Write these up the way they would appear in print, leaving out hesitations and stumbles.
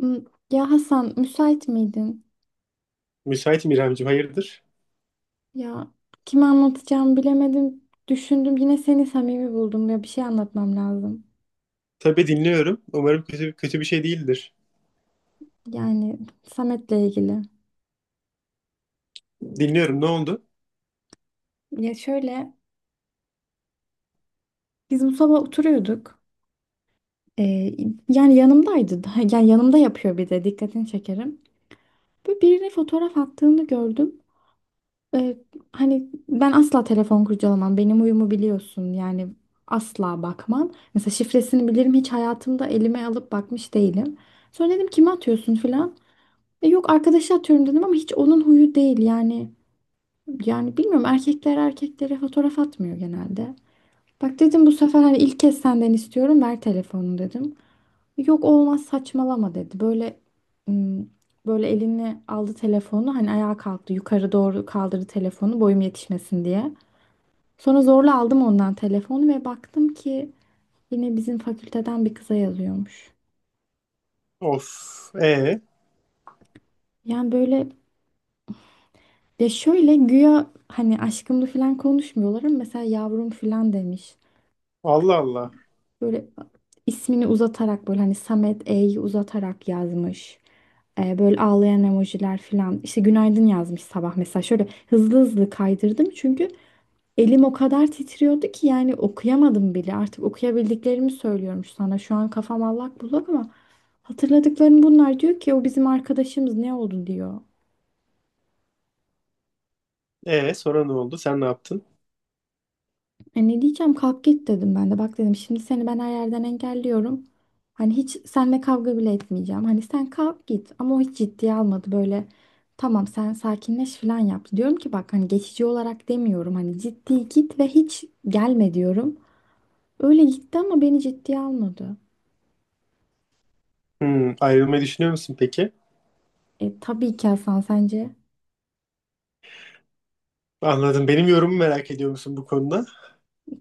Hmm, ya Hasan, müsait miydin? Müsaitim İremciğim, hayırdır? Ya, kime anlatacağımı bilemedim. Düşündüm, yine seni samimi buldum, ya bir şey anlatmam lazım. Tabii dinliyorum. Umarım kötü, kötü bir şey değildir. Yani Samet'le ilgili. Dinliyorum, ne oldu? Ya şöyle, biz bu sabah oturuyorduk. Ee, yani yanımdaydı. Yani yanımda yapıyor bir de dikkatini çekerim. Böyle birine fotoğraf attığını gördüm. Ee, hani ben asla telefon kurcalamam. Benim huyumu biliyorsun. Yani asla bakmam. Mesela şifresini bilirim. Hiç hayatımda elime alıp bakmış değilim. Sonra dedim kime atıyorsun filan. E, yok arkadaşa atıyorum dedim ama hiç onun huyu değil. Yani bilmiyorum, erkekler erkeklere fotoğraf atmıyor genelde. Bak dedim, bu sefer hani ilk kez senden istiyorum, ver telefonu dedim. Yok olmaz saçmalama dedi. Böyle ım, böyle elini aldı telefonu, hani ayağa kalktı, yukarı doğru kaldırdı telefonu boyum yetişmesin diye. Sonra zorla aldım ondan telefonu ve baktım ki yine bizim fakülteden bir kıza yazıyormuş. Of, Yani böyle, ya şöyle, güya hani aşkımdı falan konuşmuyorlar ama mesela yavrum falan demiş. Allah Allah. Böyle ismini uzatarak, böyle hani Samet E'yi uzatarak yazmış. Böyle ağlayan emojiler falan. İşte günaydın yazmış sabah mesela. Şöyle hızlı hızlı kaydırdım çünkü elim o kadar titriyordu ki yani okuyamadım bile. Artık okuyabildiklerimi söylüyorum sana. Şu an kafam allak bullak ama hatırladıklarım bunlar. Diyor ki o bizim arkadaşımız, ne oldu diyor. Sonra ne oldu? Sen ne yaptın? E ne diyeceğim, kalk git dedim ben de. Bak dedim, şimdi seni ben her yerden engelliyorum. Hani hiç seninle kavga bile etmeyeceğim. Hani sen kalk git, ama o hiç ciddiye almadı böyle. Tamam sen sakinleş falan yaptı. Diyorum ki bak, hani geçici olarak demiyorum. Hani ciddi git ve hiç gelme diyorum. Öyle gitti ama beni ciddiye almadı. Hmm, ayrılmayı düşünüyor musun peki? E tabii ki Hasan, sence? Anladım. Benim yorumumu merak ediyor musun bu konuda?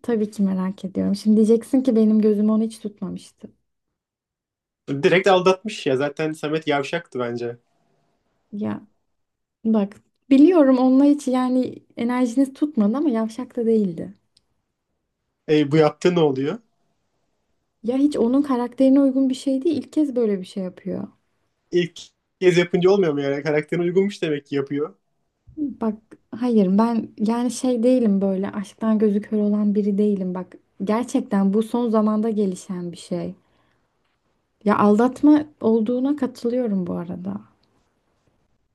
Tabii ki merak ediyorum. Şimdi diyeceksin ki benim gözüm onu hiç tutmamıştı. Direkt aldatmış ya. Zaten Samet yavşaktı bence. Ya bak, biliyorum onunla hiç, yani enerjiniz tutmadı ama yavşak da değildi. E, bu yaptığı ne oluyor? Ya hiç onun karakterine uygun bir şey değil. İlk kez böyle bir şey yapıyor. İlk kez yapınca olmuyor mu yani? Karakterine uygunmuş demek ki yapıyor. Bak hayır, ben yani şey değilim, böyle aşktan gözü kör olan biri değilim. Bak gerçekten bu son zamanda gelişen bir şey. Ya aldatma olduğuna katılıyorum bu arada.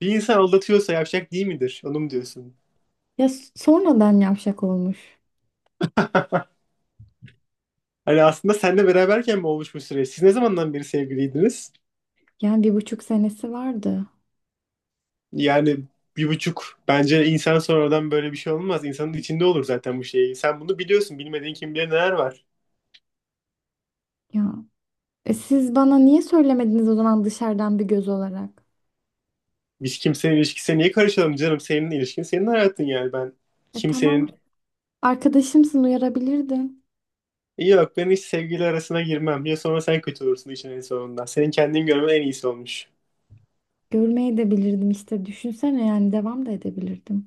Bir insan aldatıyorsa yavşak değil midir? Onu mu diyorsun? Ya sonradan yavşak olmuş. Hani aslında senle beraberken mi olmuş bu süreç? Siz ne zamandan beri sevgiliydiniz? Yani 1,5 senesi vardı. Yani bir buçuk bence insan sonradan böyle bir şey olmaz. İnsanın içinde olur zaten bu şey. Sen bunu biliyorsun. Bilmediğin kim bilir neler var. Ya siz bana niye söylemediniz o zaman, dışarıdan bir göz olarak? Biz kimsenin ilişkisine niye karışalım canım? Senin ilişkin senin hayatın yani. Ben E tamam, kimsenin arkadaşımsın, uyarabilirdin. yok, ben hiç sevgili arasına girmem. Ya sonra sen kötü olursun işin en sonunda. Senin kendini görmen en iyisi olmuş. Görmeye de bilirdim işte, düşünsene, yani devam da edebilirdim.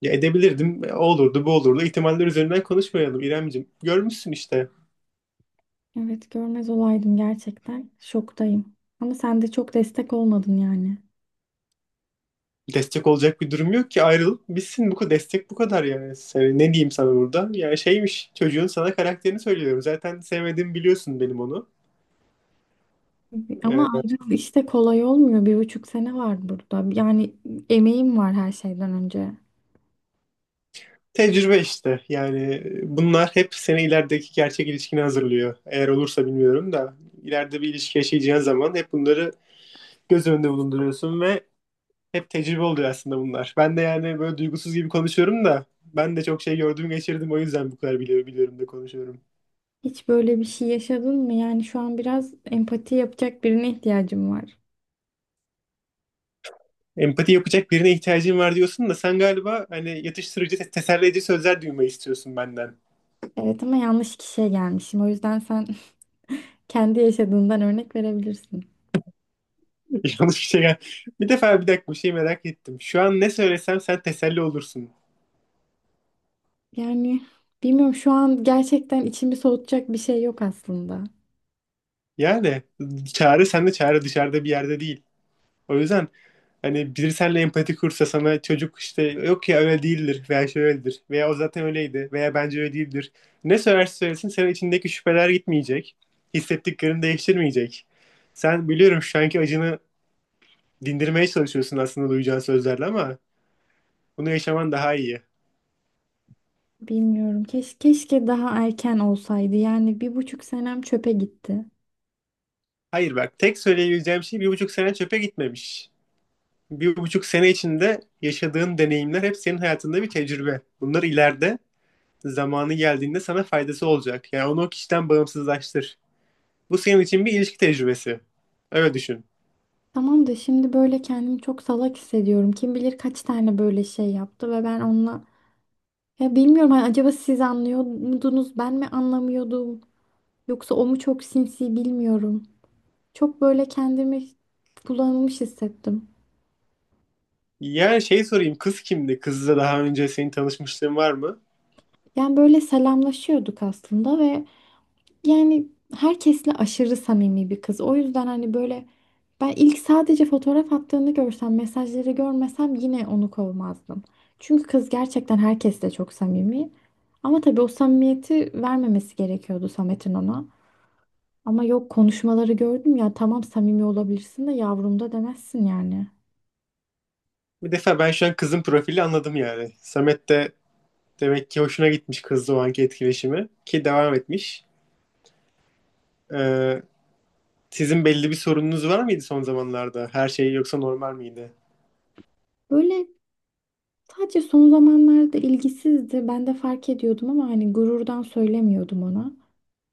Ya edebilirdim. O olurdu bu olurdu. İhtimaller üzerinden konuşmayalım İremciğim. Görmüşsün işte. Evet, görmez olaydım gerçekten. Şoktayım. Ama sen de çok destek olmadın yani. Destek olacak bir durum yok ki, ayrılıp bitsin bu kadar, destek bu kadar yani. Ne diyeyim sana burada? Yani şeymiş çocuğun, sana karakterini söylüyorum. Zaten sevmediğimi biliyorsun benim onu. Ama Ee, ayrılık işte kolay olmuyor. 1,5 sene var burada. Yani emeğim var her şeyden önce. Tecrübe işte yani, bunlar hep seni ilerideki gerçek ilişkine hazırlıyor. Eğer olursa bilmiyorum da ileride bir ilişki yaşayacağın zaman hep bunları göz önünde bulunduruyorsun ve hep tecrübe oluyor aslında bunlar. Ben de yani böyle duygusuz gibi konuşuyorum da ben de çok şey gördüm geçirdim, o yüzden bu kadar biliyorum, biliyorum da konuşuyorum. Hiç böyle bir şey yaşadın mı? Yani şu an biraz empati yapacak birine ihtiyacım var. Empati yapacak birine ihtiyacın var diyorsun da sen galiba hani yatıştırıcı, teselli edici sözler duymayı istiyorsun benden. Evet, ama yanlış kişiye gelmişim. O yüzden sen kendi yaşadığından örnek verebilirsin. Yanlış bir şey. Bir defa bir dakika bir şey merak ettim. Şu an ne söylesem sen teselli olursun. Yani bilmiyorum, şu an gerçekten içimi soğutacak bir şey yok aslında. Yani çare sende, çare dışarıda bir yerde değil. O yüzden hani biri seninle empati kursa, sana çocuk işte yok ya öyle değildir veya şöyledir veya o zaten öyleydi veya bence öyle değildir. Ne söylerse söylesin senin içindeki şüpheler gitmeyecek. Hissettiklerini değiştirmeyecek. Sen biliyorum şu anki acını dindirmeye çalışıyorsun aslında duyacağın sözlerle ama bunu yaşaman daha iyi. Bilmiyorum. Keşke daha erken olsaydı. Yani bir buçuk senem çöpe gitti. Hayır bak, tek söyleyebileceğim şey bir buçuk sene çöpe gitmemiş. Bir buçuk sene içinde yaşadığın deneyimler hep senin hayatında bir tecrübe. Bunlar ileride zamanı geldiğinde sana faydası olacak. Yani onu o kişiden bağımsızlaştır. Bu senin için bir ilişki tecrübesi. Öyle düşün. Tamam da şimdi böyle kendimi çok salak hissediyorum. Kim bilir kaç tane böyle şey yaptı ve ben onunla... Ya bilmiyorum, hani acaba siz anlıyor muydunuz? Ben mi anlamıyordum? Yoksa o mu çok sinsi, bilmiyorum. Çok böyle kendimi kullanılmış hissettim. Yani şey sorayım, kız kimdi? Kızla daha önce senin tanışmışlığın var mı? Yani böyle selamlaşıyorduk aslında ve yani herkesle aşırı samimi bir kız. O yüzden hani böyle, ben ilk sadece fotoğraf attığını görsem, mesajları görmesem yine onu kovmazdım. Çünkü kız gerçekten herkesle çok samimi. Ama tabii o samimiyeti vermemesi gerekiyordu Samet'in ona. Ama yok, konuşmaları gördüm ya, tamam samimi olabilirsin de yavrum da demezsin yani. Bir defa ben şu an kızın profili anladım yani. Samet de demek ki hoşuna gitmiş kızla o anki etkileşimi ki devam etmiş. Ee, Sizin belli bir sorununuz var mıydı son zamanlarda? Her şey yoksa normal miydi? Böyle. Sadece son zamanlarda ilgisizdi. Ben de fark ediyordum ama hani gururdan söylemiyordum ona.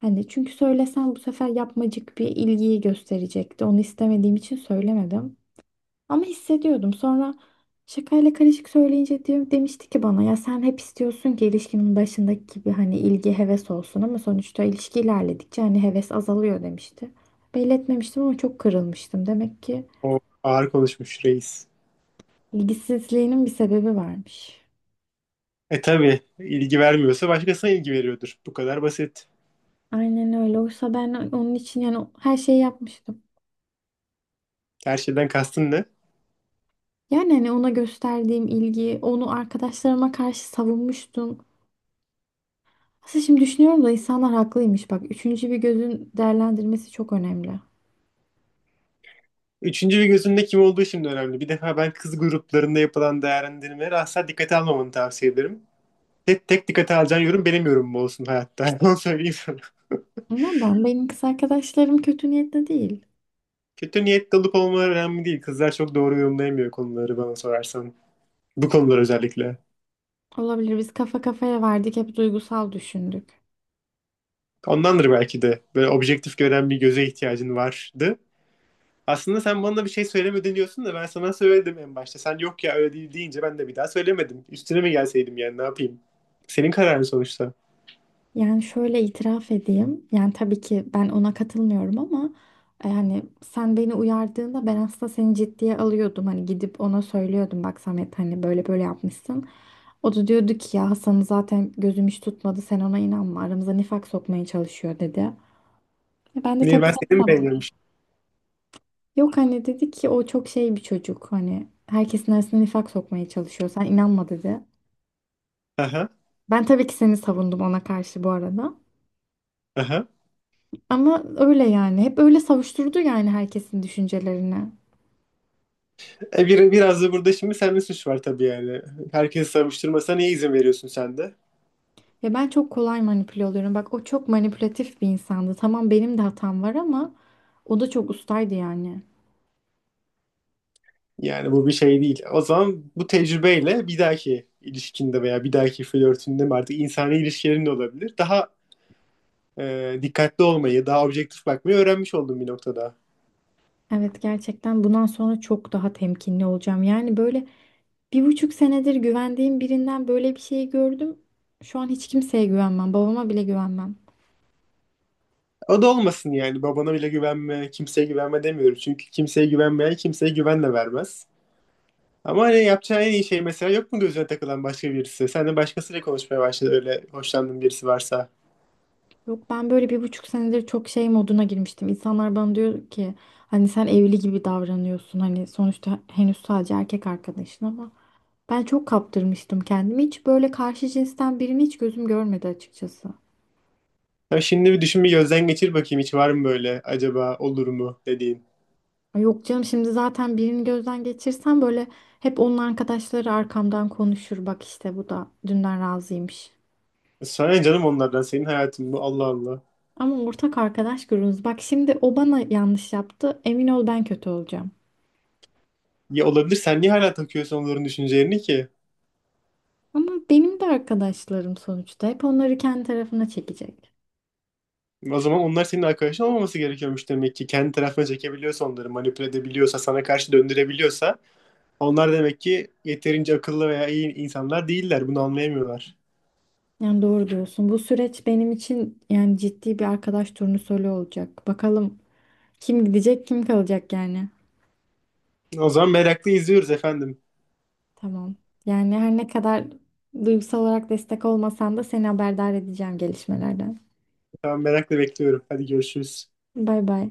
Hani çünkü söylesem bu sefer yapmacık bir ilgiyi gösterecekti. Onu istemediğim için söylemedim. Ama hissediyordum. Sonra şakayla karışık söyleyince demişti ki bana, ya sen hep istiyorsun ki ilişkinin başındaki gibi hani ilgi, heves olsun ama sonuçta ilişki ilerledikçe hani heves azalıyor demişti. Belli etmemiştim ama çok kırılmıştım. Demek ki O ağır konuşmuş reis. ilgisizliğinin bir sebebi varmış. E tabii, ilgi vermiyorsa başkasına ilgi veriyordur. Bu kadar basit. Aynen öyle. Oysa ben onun için yani her şeyi yapmıştım. Her şeyden kastın ne? Yani hani ona gösterdiğim ilgi, onu arkadaşlarıma karşı savunmuştum. Aslında şimdi düşünüyorum da, insanlar haklıymış. Bak, üçüncü bir gözün değerlendirmesi çok önemli. Üçüncü bir gözünde kim olduğu şimdi önemli. Bir defa ben kız gruplarında yapılan değerlendirmeleri asla dikkate almamanı tavsiye ederim. Tek dikkate alacağın yorum benim yorumum olsun hayatta. Onu söyleyeyim sana. Neden? Benim kız arkadaşlarım kötü niyetli değil. Kötü niyetli olup olmaları önemli değil. Kızlar çok doğru yorumlayamıyor konuları, bana sorarsan. Bu konular özellikle. Olabilir, biz kafa kafaya verdik, hep duygusal düşündük. Ondandır belki de. Böyle objektif gören bir göze ihtiyacın vardı. Aslında sen bana bir şey söylemedin diyorsun da ben sana söyledim en başta. Sen yok ya öyle değil deyince ben de bir daha söylemedim. Üstüne mi gelseydim yani, ne yapayım? Senin kararın sonuçta. Yani şöyle itiraf edeyim. Yani tabii ki ben ona katılmıyorum ama yani sen beni uyardığında ben aslında seni ciddiye alıyordum. Hani gidip ona söylüyordum, bak Samet hani böyle böyle yapmışsın. O da diyordu ki ya Hasan'ı zaten gözüm hiç tutmadı, sen ona inanma, aramıza nifak sokmaya çalışıyor dedi. E ben de Niye, tabii ben seni seni mi savundum. beğeniyormuş? Yok, hani dedi ki o çok şey bir çocuk, hani herkesin arasına nifak sokmaya çalışıyor, sen inanma dedi. Aha. Ben tabii ki seni savundum ona karşı bu arada. Aha. Ama öyle yani. Hep öyle savuşturdu yani herkesin düşüncelerini. Biraz da burada şimdi sende suç var tabii yani. Herkesi savuşturmasına niye izin veriyorsun sen de? Ya ben çok kolay manipüle oluyorum. Bak, o çok manipülatif bir insandı. Tamam benim de hatam var ama o da çok ustaydı yani. Yani bu bir şey değil. O zaman bu tecrübeyle bir dahaki ilişkinde veya bir dahaki flörtünde mi, artık insani ilişkilerin de olabilir. Daha dikkatli olmayı, daha objektif bakmayı öğrenmiş oldum bir noktada. Evet, gerçekten bundan sonra çok daha temkinli olacağım. Yani böyle, 1,5 senedir güvendiğim birinden böyle bir şey gördüm. Şu an hiç kimseye güvenmem. Babama bile güvenmem. O da olmasın yani. Babana bile güvenme, kimseye güvenme demiyorum. Çünkü kimseye güvenmeyen kimseye güven de vermez. Ama hani yapacağı en iyi şey, mesela yok mu gözüne takılan başka birisi? Sen de başkasıyla konuşmaya başladı, öyle hoşlandığın birisi varsa. Yok, ben böyle 1,5 senedir çok şey moduna girmiştim. İnsanlar bana diyor ki hani sen evli gibi davranıyorsun. Hani sonuçta henüz sadece erkek arkadaşın ama. Ben çok kaptırmıştım kendimi. Hiç böyle karşı cinsten birini hiç gözüm görmedi açıkçası. Ya şimdi bir düşün, bir gözden geçir bakayım, hiç var mı böyle acaba olur mu dediğin. Ay, yok canım, şimdi zaten birini gözden geçirsem böyle hep onun arkadaşları arkamdan konuşur. Bak işte, bu da dünden razıymış. Sana canım onlardan, senin hayatın bu, Allah Allah. Ama ortak arkadaş grubumuz. Bak şimdi o bana yanlış yaptı. Emin ol ben kötü olacağım. Ya olabilir, sen niye hala takıyorsun onların düşüncelerini ki? Ama benim de arkadaşlarım sonuçta. Hep onları kendi tarafına çekecek. O zaman onlar senin arkadaşın olmaması gerekiyormuş demek ki. Kendi tarafına çekebiliyorsa, onları manipüle edebiliyorsa, sana karşı döndürebiliyorsa onlar demek ki yeterince akıllı veya iyi insanlar değiller. Bunu anlayamıyorlar. Yani doğru diyorsun. Bu süreç benim için yani ciddi bir arkadaş turnusolu olacak. Bakalım kim gidecek, kim kalacak yani. O zaman merakla izliyoruz efendim. Tamam. Yani her ne kadar duygusal olarak destek olmasan da seni haberdar edeceğim gelişmelerden. Tamam, merakla bekliyorum. Hadi görüşürüz. Bay bay.